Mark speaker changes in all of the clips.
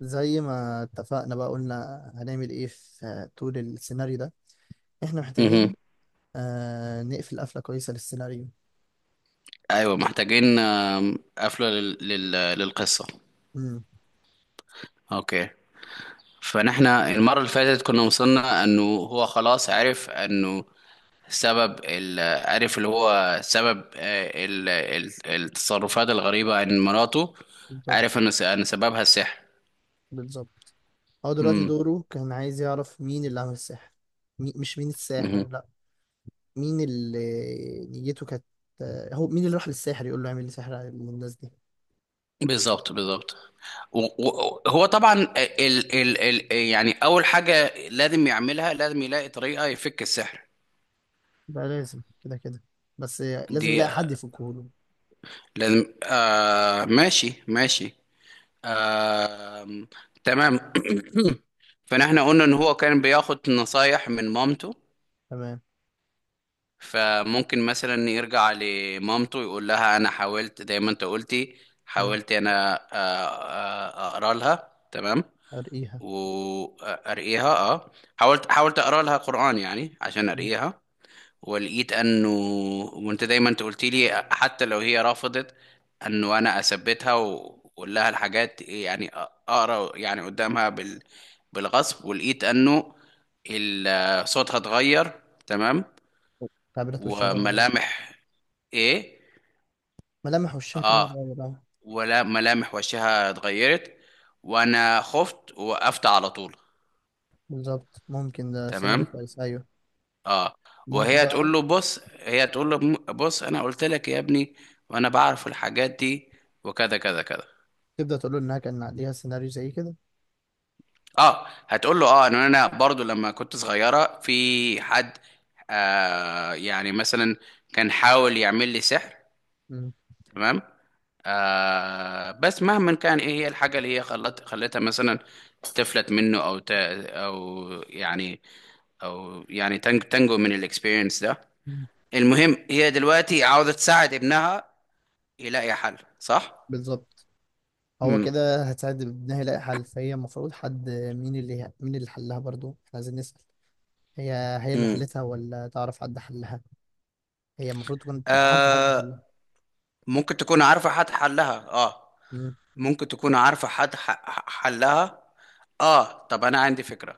Speaker 1: زي ما اتفقنا بقى قلنا هنعمل ايه في طول السيناريو ده. احنا
Speaker 2: مهم.
Speaker 1: محتاجين نقفل قفلة كويسة للسيناريو.
Speaker 2: ايوه محتاجين قفله للقصه.
Speaker 1: امم.
Speaker 2: اوكي. فنحن المره اللي فاتت كنا وصلنا انه هو خلاص عرف انه سبب عرف اللي هو سبب التصرفات الغريبه عن مراته.
Speaker 1: بالظبط،
Speaker 2: عرف ان سببها السحر.
Speaker 1: بالظبط. هو دلوقتي
Speaker 2: مم.
Speaker 1: دوره كان عايز يعرف مين اللي عمل السحر. مش مين
Speaker 2: مهم.
Speaker 1: الساحر، لا. مين اللي نيته كانت هو مين اللي راح للساحر يقول له اعمل لي سحر على الناس دي.
Speaker 2: بالظبط بالظبط. و- هو طبعا يعني اول حاجه لازم يعملها، لازم يلاقي طريقه يفك السحر.
Speaker 1: ده لازم كده كده. بس لازم
Speaker 2: دي
Speaker 1: يلاقي حد يفكه له.
Speaker 2: لازم، آه، ماشي ماشي، آه، تمام. فنحن قلنا ان هو كان بياخد نصايح من مامته،
Speaker 1: تمام.
Speaker 2: فممكن مثلا يرجع لمامته يقول لها: انا حاولت زي ما انت قلتي،
Speaker 1: امم.
Speaker 2: حاولت انا، اقرا لها. تمام.
Speaker 1: ارقيها.
Speaker 2: وارقيها، اه. حاولت اقرا لها قرآن يعني عشان
Speaker 1: مم.
Speaker 2: ارقيها. ولقيت انه، وانت دايما انت قلت لي حتى لو هي رفضت انه انا اثبتها واقول لها الحاجات، يعني اقرا يعني قدامها بالغصب، ولقيت انه صوتها اتغير. تمام.
Speaker 1: تعبيرات وشها اتغيرت.
Speaker 2: وملامح، ايه،
Speaker 1: ملامح وشها كمان
Speaker 2: اه،
Speaker 1: اتغيرت.
Speaker 2: ولا ملامح وشها اتغيرت، وانا خفت ووقفت على طول.
Speaker 1: بالظبط، ممكن ده سيناريو
Speaker 2: تمام.
Speaker 1: كويس، ايوه.
Speaker 2: اه.
Speaker 1: مامته
Speaker 2: وهي
Speaker 1: بقى
Speaker 2: تقول له بص، هي تقول له بص، انا قلت لك يا ابني وانا بعرف الحاجات دي، وكذا كذا كذا.
Speaker 1: تبدأ تقول له انها كان عليها سيناريو زي كده.
Speaker 2: اه، هتقول له اه ان انا برضو لما كنت صغيرة في حد، يعني مثلا كان حاول يعمل لي سحر.
Speaker 1: مم.
Speaker 2: تمام. آه، بس مهما كان ايه هي الحاجة اللي هي خلت خلتها مثلا تفلت منه، او يعني، او يعني تنجو من الاكسبيرينس ده.
Speaker 1: مم.
Speaker 2: المهم هي دلوقتي عاوزة تساعد ابنها يلاقي حل، صح.
Speaker 1: بالظبط. هو
Speaker 2: امم.
Speaker 1: كده هتساعد ابنها يلاقي حل، فهي المفروض حد، مين اللي حلها، برضو احنا عايزين نسأل. هي هي اللي
Speaker 2: امم.
Speaker 1: حلتها ولا تعرف حد حلها؟ هي المفروض تكون عارفة حد
Speaker 2: آه،
Speaker 1: حلها.
Speaker 2: ممكن تكون عارفة حد حلها، اه،
Speaker 1: مم.
Speaker 2: ممكن تكون عارفة حد حلها. اه، طب انا عندي فكرة.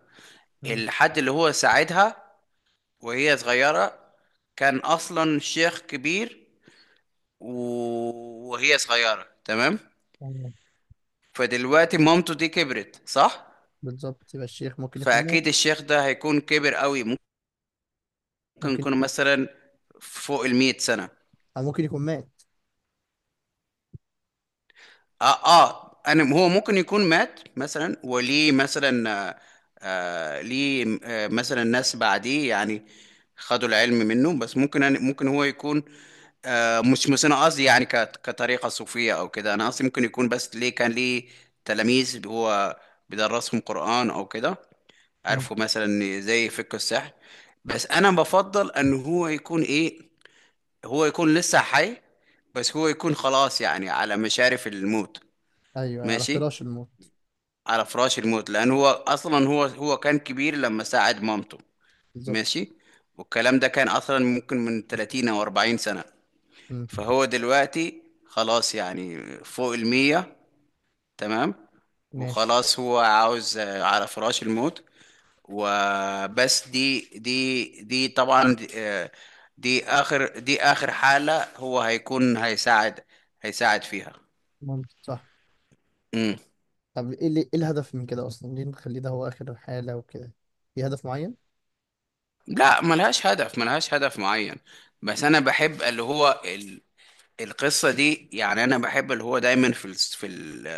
Speaker 1: مم.
Speaker 2: الحد اللي هو ساعدها وهي صغيرة كان اصلا شيخ كبير، وهي صغيرة. تمام.
Speaker 1: أيوة.
Speaker 2: فدلوقتي مامته دي كبرت، صح،
Speaker 1: بالظبط، يبقى الشيخ ممكن يكون مات.
Speaker 2: فاكيد الشيخ ده هيكون كبر قوي، ممكن
Speaker 1: ممكن
Speaker 2: يكون
Speaker 1: يكون،
Speaker 2: مثلا فوق 100 سنة.
Speaker 1: او ممكن يكون مات.
Speaker 2: اه اه، انا هو ممكن يكون مات مثلا، وليه مثلا، ليه، مثلا ناس بعديه يعني خدوا العلم منه. بس ممكن، أنا ممكن هو يكون، مش انا قصدي يعني كطريقة صوفية او كده، انا قصدي ممكن يكون، بس ليه كان ليه تلاميذ هو بيدرسهم قرآن او كده،
Speaker 1: مم.
Speaker 2: عارفوا مثلا زي فقه السحر. بس انا بفضل ان هو يكون ايه، هو يكون لسه حي، بس هو يكون خلاص يعني على مشارف الموت.
Speaker 1: ايوه، على
Speaker 2: ماشي،
Speaker 1: فراش الموت.
Speaker 2: على فراش الموت، لان هو اصلا، هو كان كبير لما ساعد مامته.
Speaker 1: بالظبط.
Speaker 2: ماشي. والكلام ده كان اصلا ممكن من 30 او 40 سنة،
Speaker 1: مم.
Speaker 2: فهو دلوقتي خلاص يعني فوق 100. تمام.
Speaker 1: ماشي.
Speaker 2: وخلاص هو عاوز، آه، على فراش الموت. وبس، دي طبعا، دي اخر، دي اخر حالة هو هيكون هيساعد، هيساعد فيها.
Speaker 1: ممكن، صح. طب ايه الهدف من كده اصلا؟ ليه نخليه ده هو اخر حالة وكده؟ في هدف معين؟
Speaker 2: لا، ملهاش هدف، ملهاش هدف معين، بس انا بحب اللي هو القصة دي. يعني انا بحب اللي هو دايما في ال... في ال...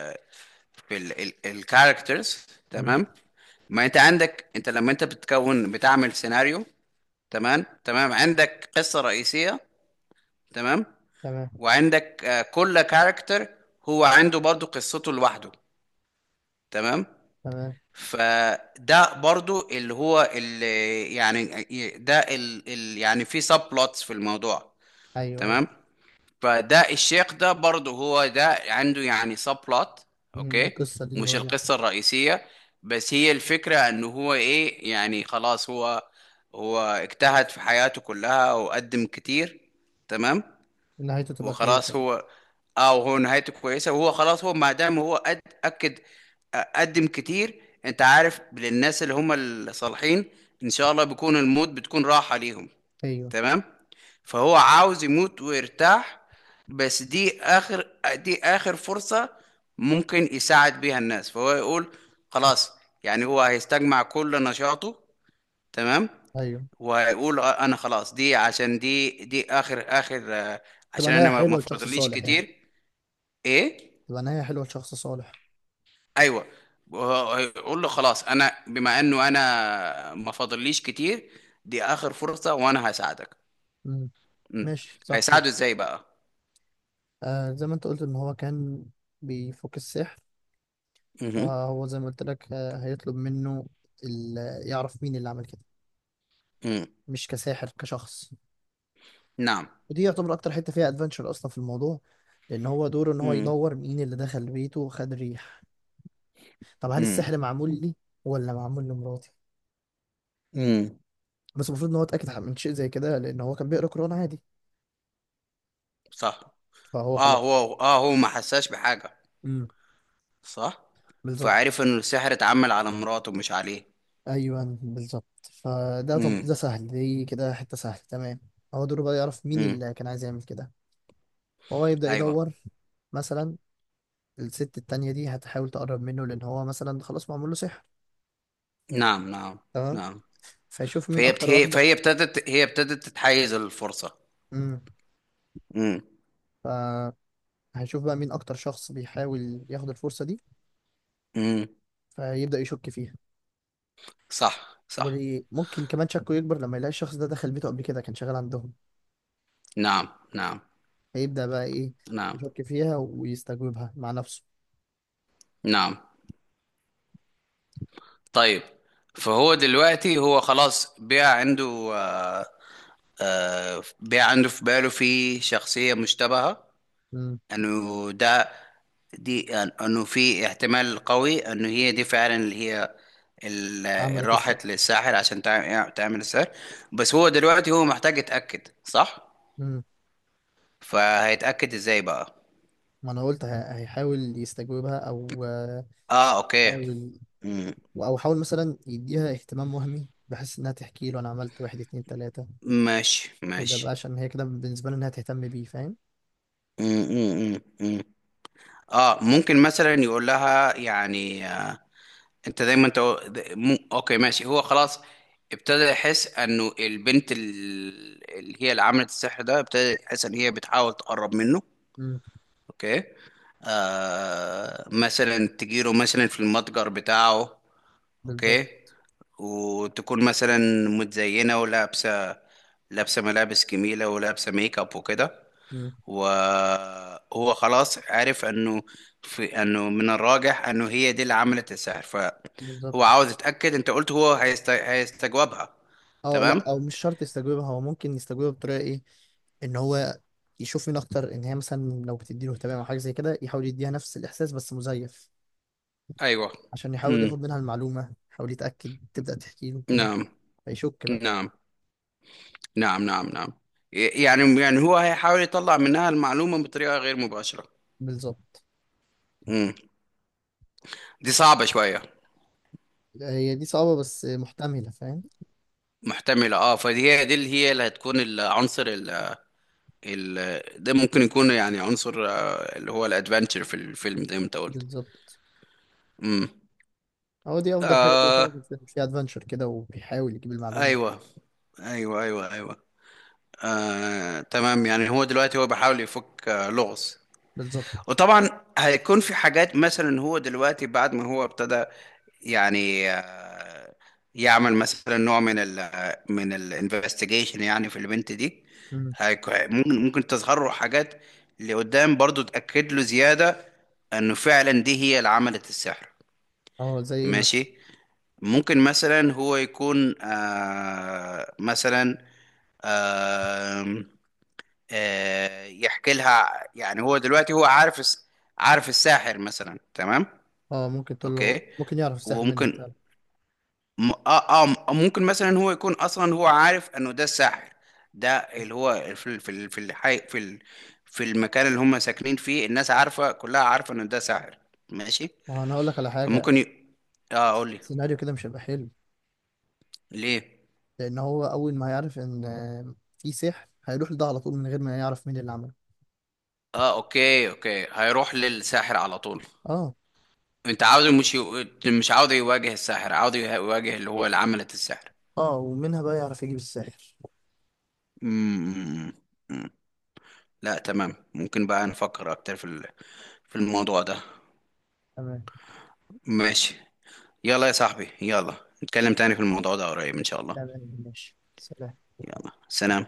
Speaker 2: في ال... ال... الكاركترز.
Speaker 1: مم.
Speaker 2: تمام. ما انت عندك، انت لما انت بتكون بتعمل سيناريو، تمام تمام، عندك قصة رئيسية، تمام،
Speaker 1: تمام،
Speaker 2: وعندك، كل كاركتر هو عنده برضو قصته لوحده. تمام.
Speaker 1: تمام.
Speaker 2: فده برضو اللي هو اللي يعني، ده ال يعني، في سب بلوتس في الموضوع.
Speaker 1: ايوه، ايوه.
Speaker 2: تمام. فده الشيخ ده برضو، هو ده عنده يعني سب بلوت.
Speaker 1: مم. ده
Speaker 2: اوكي،
Speaker 1: القصة دي
Speaker 2: مش القصة الرئيسية، بس هي الفكرة ان هو ايه يعني، خلاص هو، هو اجتهد في حياته كلها وقدم كتير. تمام.
Speaker 1: نهايته تبقى كويسة
Speaker 2: وخلاص
Speaker 1: بقى.
Speaker 2: هو، اه، وهو نهايته كويسه، وهو خلاص هو ما دام هو اكد، قدم كتير، انت عارف، للناس اللي هم الصالحين ان شاء الله بيكون الموت بتكون راحه ليهم.
Speaker 1: ايوه.
Speaker 2: تمام. فهو عاوز يموت ويرتاح، بس دي اخر، دي اخر فرصة ممكن يساعد بيها الناس، فهو يقول
Speaker 1: مم.
Speaker 2: خلاص. يعني هو هيستجمع كل نشاطه. تمام.
Speaker 1: ايوه.
Speaker 2: ويقول، انا خلاص، دي عشان دي اخر اخر،
Speaker 1: تبقى
Speaker 2: عشان
Speaker 1: نهاية
Speaker 2: انا ما
Speaker 1: حلوة لشخص
Speaker 2: فاضليش
Speaker 1: صالح يعني.
Speaker 2: كتير. ايه.
Speaker 1: تبقى نهاية حلوة لشخص صالح.
Speaker 2: ايوه. يقول له: خلاص، انا بما انه انا ما فاضليش كتير، دي اخر فرصة، وانا هساعدك.
Speaker 1: مم.
Speaker 2: مم.
Speaker 1: ماشي، صح.
Speaker 2: هيساعده ازاي بقى؟
Speaker 1: زي ما انت قلت ان هو كان بيفك السحر.
Speaker 2: مهم.
Speaker 1: فهو زي ما قلت لك، هيطلب منه ال- يعرف مين اللي عمل كده.
Speaker 2: مم.
Speaker 1: مش كساحر، كشخص.
Speaker 2: نعم.
Speaker 1: ودي يعتبر اكتر حته فيها ادفنتشر اصلا في الموضوع، لان هو دوره ان هو
Speaker 2: مم.
Speaker 1: يدور مين اللي دخل بيته وخد ريح. طب هل
Speaker 2: مم.
Speaker 1: السحر معمول لي ولا معمول لمراتي؟
Speaker 2: مم.
Speaker 1: بس المفروض ان هو اتاكد من شيء زي كده، لان هو كان بيقرا قران عادي.
Speaker 2: صح.
Speaker 1: فهو
Speaker 2: اه،
Speaker 1: خلاص.
Speaker 2: هو اه، هو ما حساش بحاجة.
Speaker 1: امم.
Speaker 2: صح.
Speaker 1: بالظبط.
Speaker 2: فعرف ان السحر اتعمل على مراته مش عليه.
Speaker 1: ايوه، بالظبط. طب
Speaker 2: امم.
Speaker 1: ده سهل، دي كده حته سهله، تمام. هو دوره بقى يعرف مين
Speaker 2: امم.
Speaker 1: اللي كان عايز يعمل كده. فهو يبدا
Speaker 2: ايوه.
Speaker 1: يدور، مثلا. الست التانية دي هتحاول تقرب منه، لان هو مثلا خلاص معمول له سحر.
Speaker 2: نعم نعم
Speaker 1: تمام.
Speaker 2: نعم.
Speaker 1: فيشوف مين اكتر واحده.
Speaker 2: فهي ابتدت، هي ابتدت تتحيز الفرصة.
Speaker 1: امم.
Speaker 2: امم.
Speaker 1: ف هنشوف بقى مين اكتر شخص بيحاول ياخد الفرصه دي.
Speaker 2: امم.
Speaker 1: فيبدا يشك فيها.
Speaker 2: صح صح.
Speaker 1: وممكن كمان شكه يكبر لما يلاقي الشخص ده دخل بيته قبل كده، كان شغال عندهم.
Speaker 2: نعم. نعم
Speaker 1: هيبدا بقى ايه،
Speaker 2: نعم
Speaker 1: يشك فيها ويستجوبها مع نفسه.
Speaker 2: نعم. طيب. فهو دلوقتي هو خلاص بقى عنده، آه بقى عنده في باله، في شخصية مشتبهة
Speaker 1: امم.
Speaker 2: انه ده، انه في احتمال قوي انه هي دي فعلا اللي هي اللي
Speaker 1: عملت السر.
Speaker 2: راحت للساحر عشان تعمل السحر. بس هو دلوقتي هو محتاج يتأكد، صح.
Speaker 1: امم.
Speaker 2: فهيتأكد ازاي بقى؟
Speaker 1: ما انا قلت، هيحاول يستجوبها او
Speaker 2: اه، اوكي.
Speaker 1: حاول.
Speaker 2: مم.
Speaker 1: او حاول مثلا يديها اهتمام وهمي بحيث انها تحكي له، انا عملت واحد اتنين تلاته.
Speaker 2: ماشي
Speaker 1: يبدا بقى
Speaker 2: ماشي.
Speaker 1: عشان هي كده بالنسبه له انها تهتم بيه، فاهم.
Speaker 2: مم، مم، مم، مم. اه، ممكن مثلا يقول لها يعني، انت دايما انت اوكي ماشي، هو خلاص ابتدى يحس انه البنت اللي هي اللي عملت السحر ده، ابتدى يحس ان هي بتحاول تقرب منه.
Speaker 1: امم.
Speaker 2: اوكي. آه، مثلا تجيله مثلا في المتجر بتاعه.
Speaker 1: بالظبط.
Speaker 2: اوكي. وتكون مثلا متزينة ولابسة، لابسة ملابس جميلة ولابسة ميك اب وكده.
Speaker 1: امم.
Speaker 2: وهو خلاص عرف انه في، انه من الراجح انه هي دي اللي عملت السحر، فهو
Speaker 1: بالظبط.
Speaker 2: عاوز يتأكد. انت قلت هو هيستجوبها.
Speaker 1: اه، لا،
Speaker 2: تمام.
Speaker 1: او مش شرط يستجوبها. هو ممكن يستجوبها بطريقه ايه، ان هو يشوف مين اكتر، ان هي مثلا لو بتديله اهتمام او حاجه زي كده، يحاول يديها نفس الاحساس بس مزيف،
Speaker 2: ايوه.
Speaker 1: عشان يحاول
Speaker 2: امم.
Speaker 1: ياخد منها المعلومه، يحاول يتاكد، تبدا تحكي له كده،
Speaker 2: نعم.
Speaker 1: فيشك بقى.
Speaker 2: نعم نعم نعم نعم. يعني، يعني هو هيحاول يطلع منها المعلومة بطريقة غير مباشرة.
Speaker 1: بالظبط.
Speaker 2: امم. دي صعبة شوية.
Speaker 1: هي دي صعبه بس محتمله، فاهم.
Speaker 2: محتملة، اه. فدي، هي دي اللي هي اللي هتكون العنصر ده، ممكن يكون يعني عنصر، اللي هو الادفنتشر في الفيلم زي ما انت قلت.
Speaker 1: بالظبط.
Speaker 2: امم.
Speaker 1: هو دي افضل حاجه تبقى فعلا
Speaker 2: آه.
Speaker 1: في الفيلم فيها ادفنتشر كده، وبيحاول يجيب المعلومه.
Speaker 2: ايوه ايوه ايوه ايوه. آه تمام، يعني هو دلوقتي هو بيحاول يفك، آه، لغز.
Speaker 1: بالظبط.
Speaker 2: وطبعا هيكون في حاجات. مثلا هو دلوقتي بعد ما هو ابتدى يعني، يعمل مثلا نوع من ال آه، من الانفستيجيشن يعني في البنت دي،
Speaker 1: امم.
Speaker 2: ممكن، ممكن تظهر له حاجات لقدام برضو تأكد له زيادة انه فعلا دي هي اللي عملت السحر.
Speaker 1: اه، زي ايه مثلا؟
Speaker 2: ماشي. ممكن مثلا هو يكون، مثلا، آه يحكي لها. يعني هو دلوقتي هو عارف عارف الساحر مثلا. تمام.
Speaker 1: اه، ممكن تقول له
Speaker 2: اوكي.
Speaker 1: ممكن يعرف السحر منها فعلا.
Speaker 2: وممكن، ممكن مثلا هو يكون اصلا هو عارف انه ده الساحر، ده اللي هو في في الحي، في في المكان اللي هم ساكنين فيه، الناس عارفة، كلها عارفة انه ده ساحر. ماشي.
Speaker 1: ما هو انا هقول لك على حاجه.
Speaker 2: فممكن ي... اه قول لي.
Speaker 1: السيناريو كده مش هيبقى حلو.
Speaker 2: ليه؟
Speaker 1: لان هو اول ما يعرف ان في سحر، هيروح لده على طول من غير ما يعرف مين اللي عمله.
Speaker 2: اه اوكي، اوكي، هيروح للساحر على طول.
Speaker 1: اه،
Speaker 2: انت عاوز، مش عاوز يواجه الساحر، عاوز يواجه اللي هو اللي عملت السحر.
Speaker 1: اه، ومنها بقى يعرف يجيب الساحر.
Speaker 2: مم. مم. لا تمام، ممكن بقى نفكر اكتر في في الموضوع ده.
Speaker 1: تمام.
Speaker 2: ماشي. يلا يا صاحبي، يلا، نتكلم تاني في الموضوع ده قريب ان شاء الله.
Speaker 1: تمام، ماشي، سلام.
Speaker 2: يلا سلام.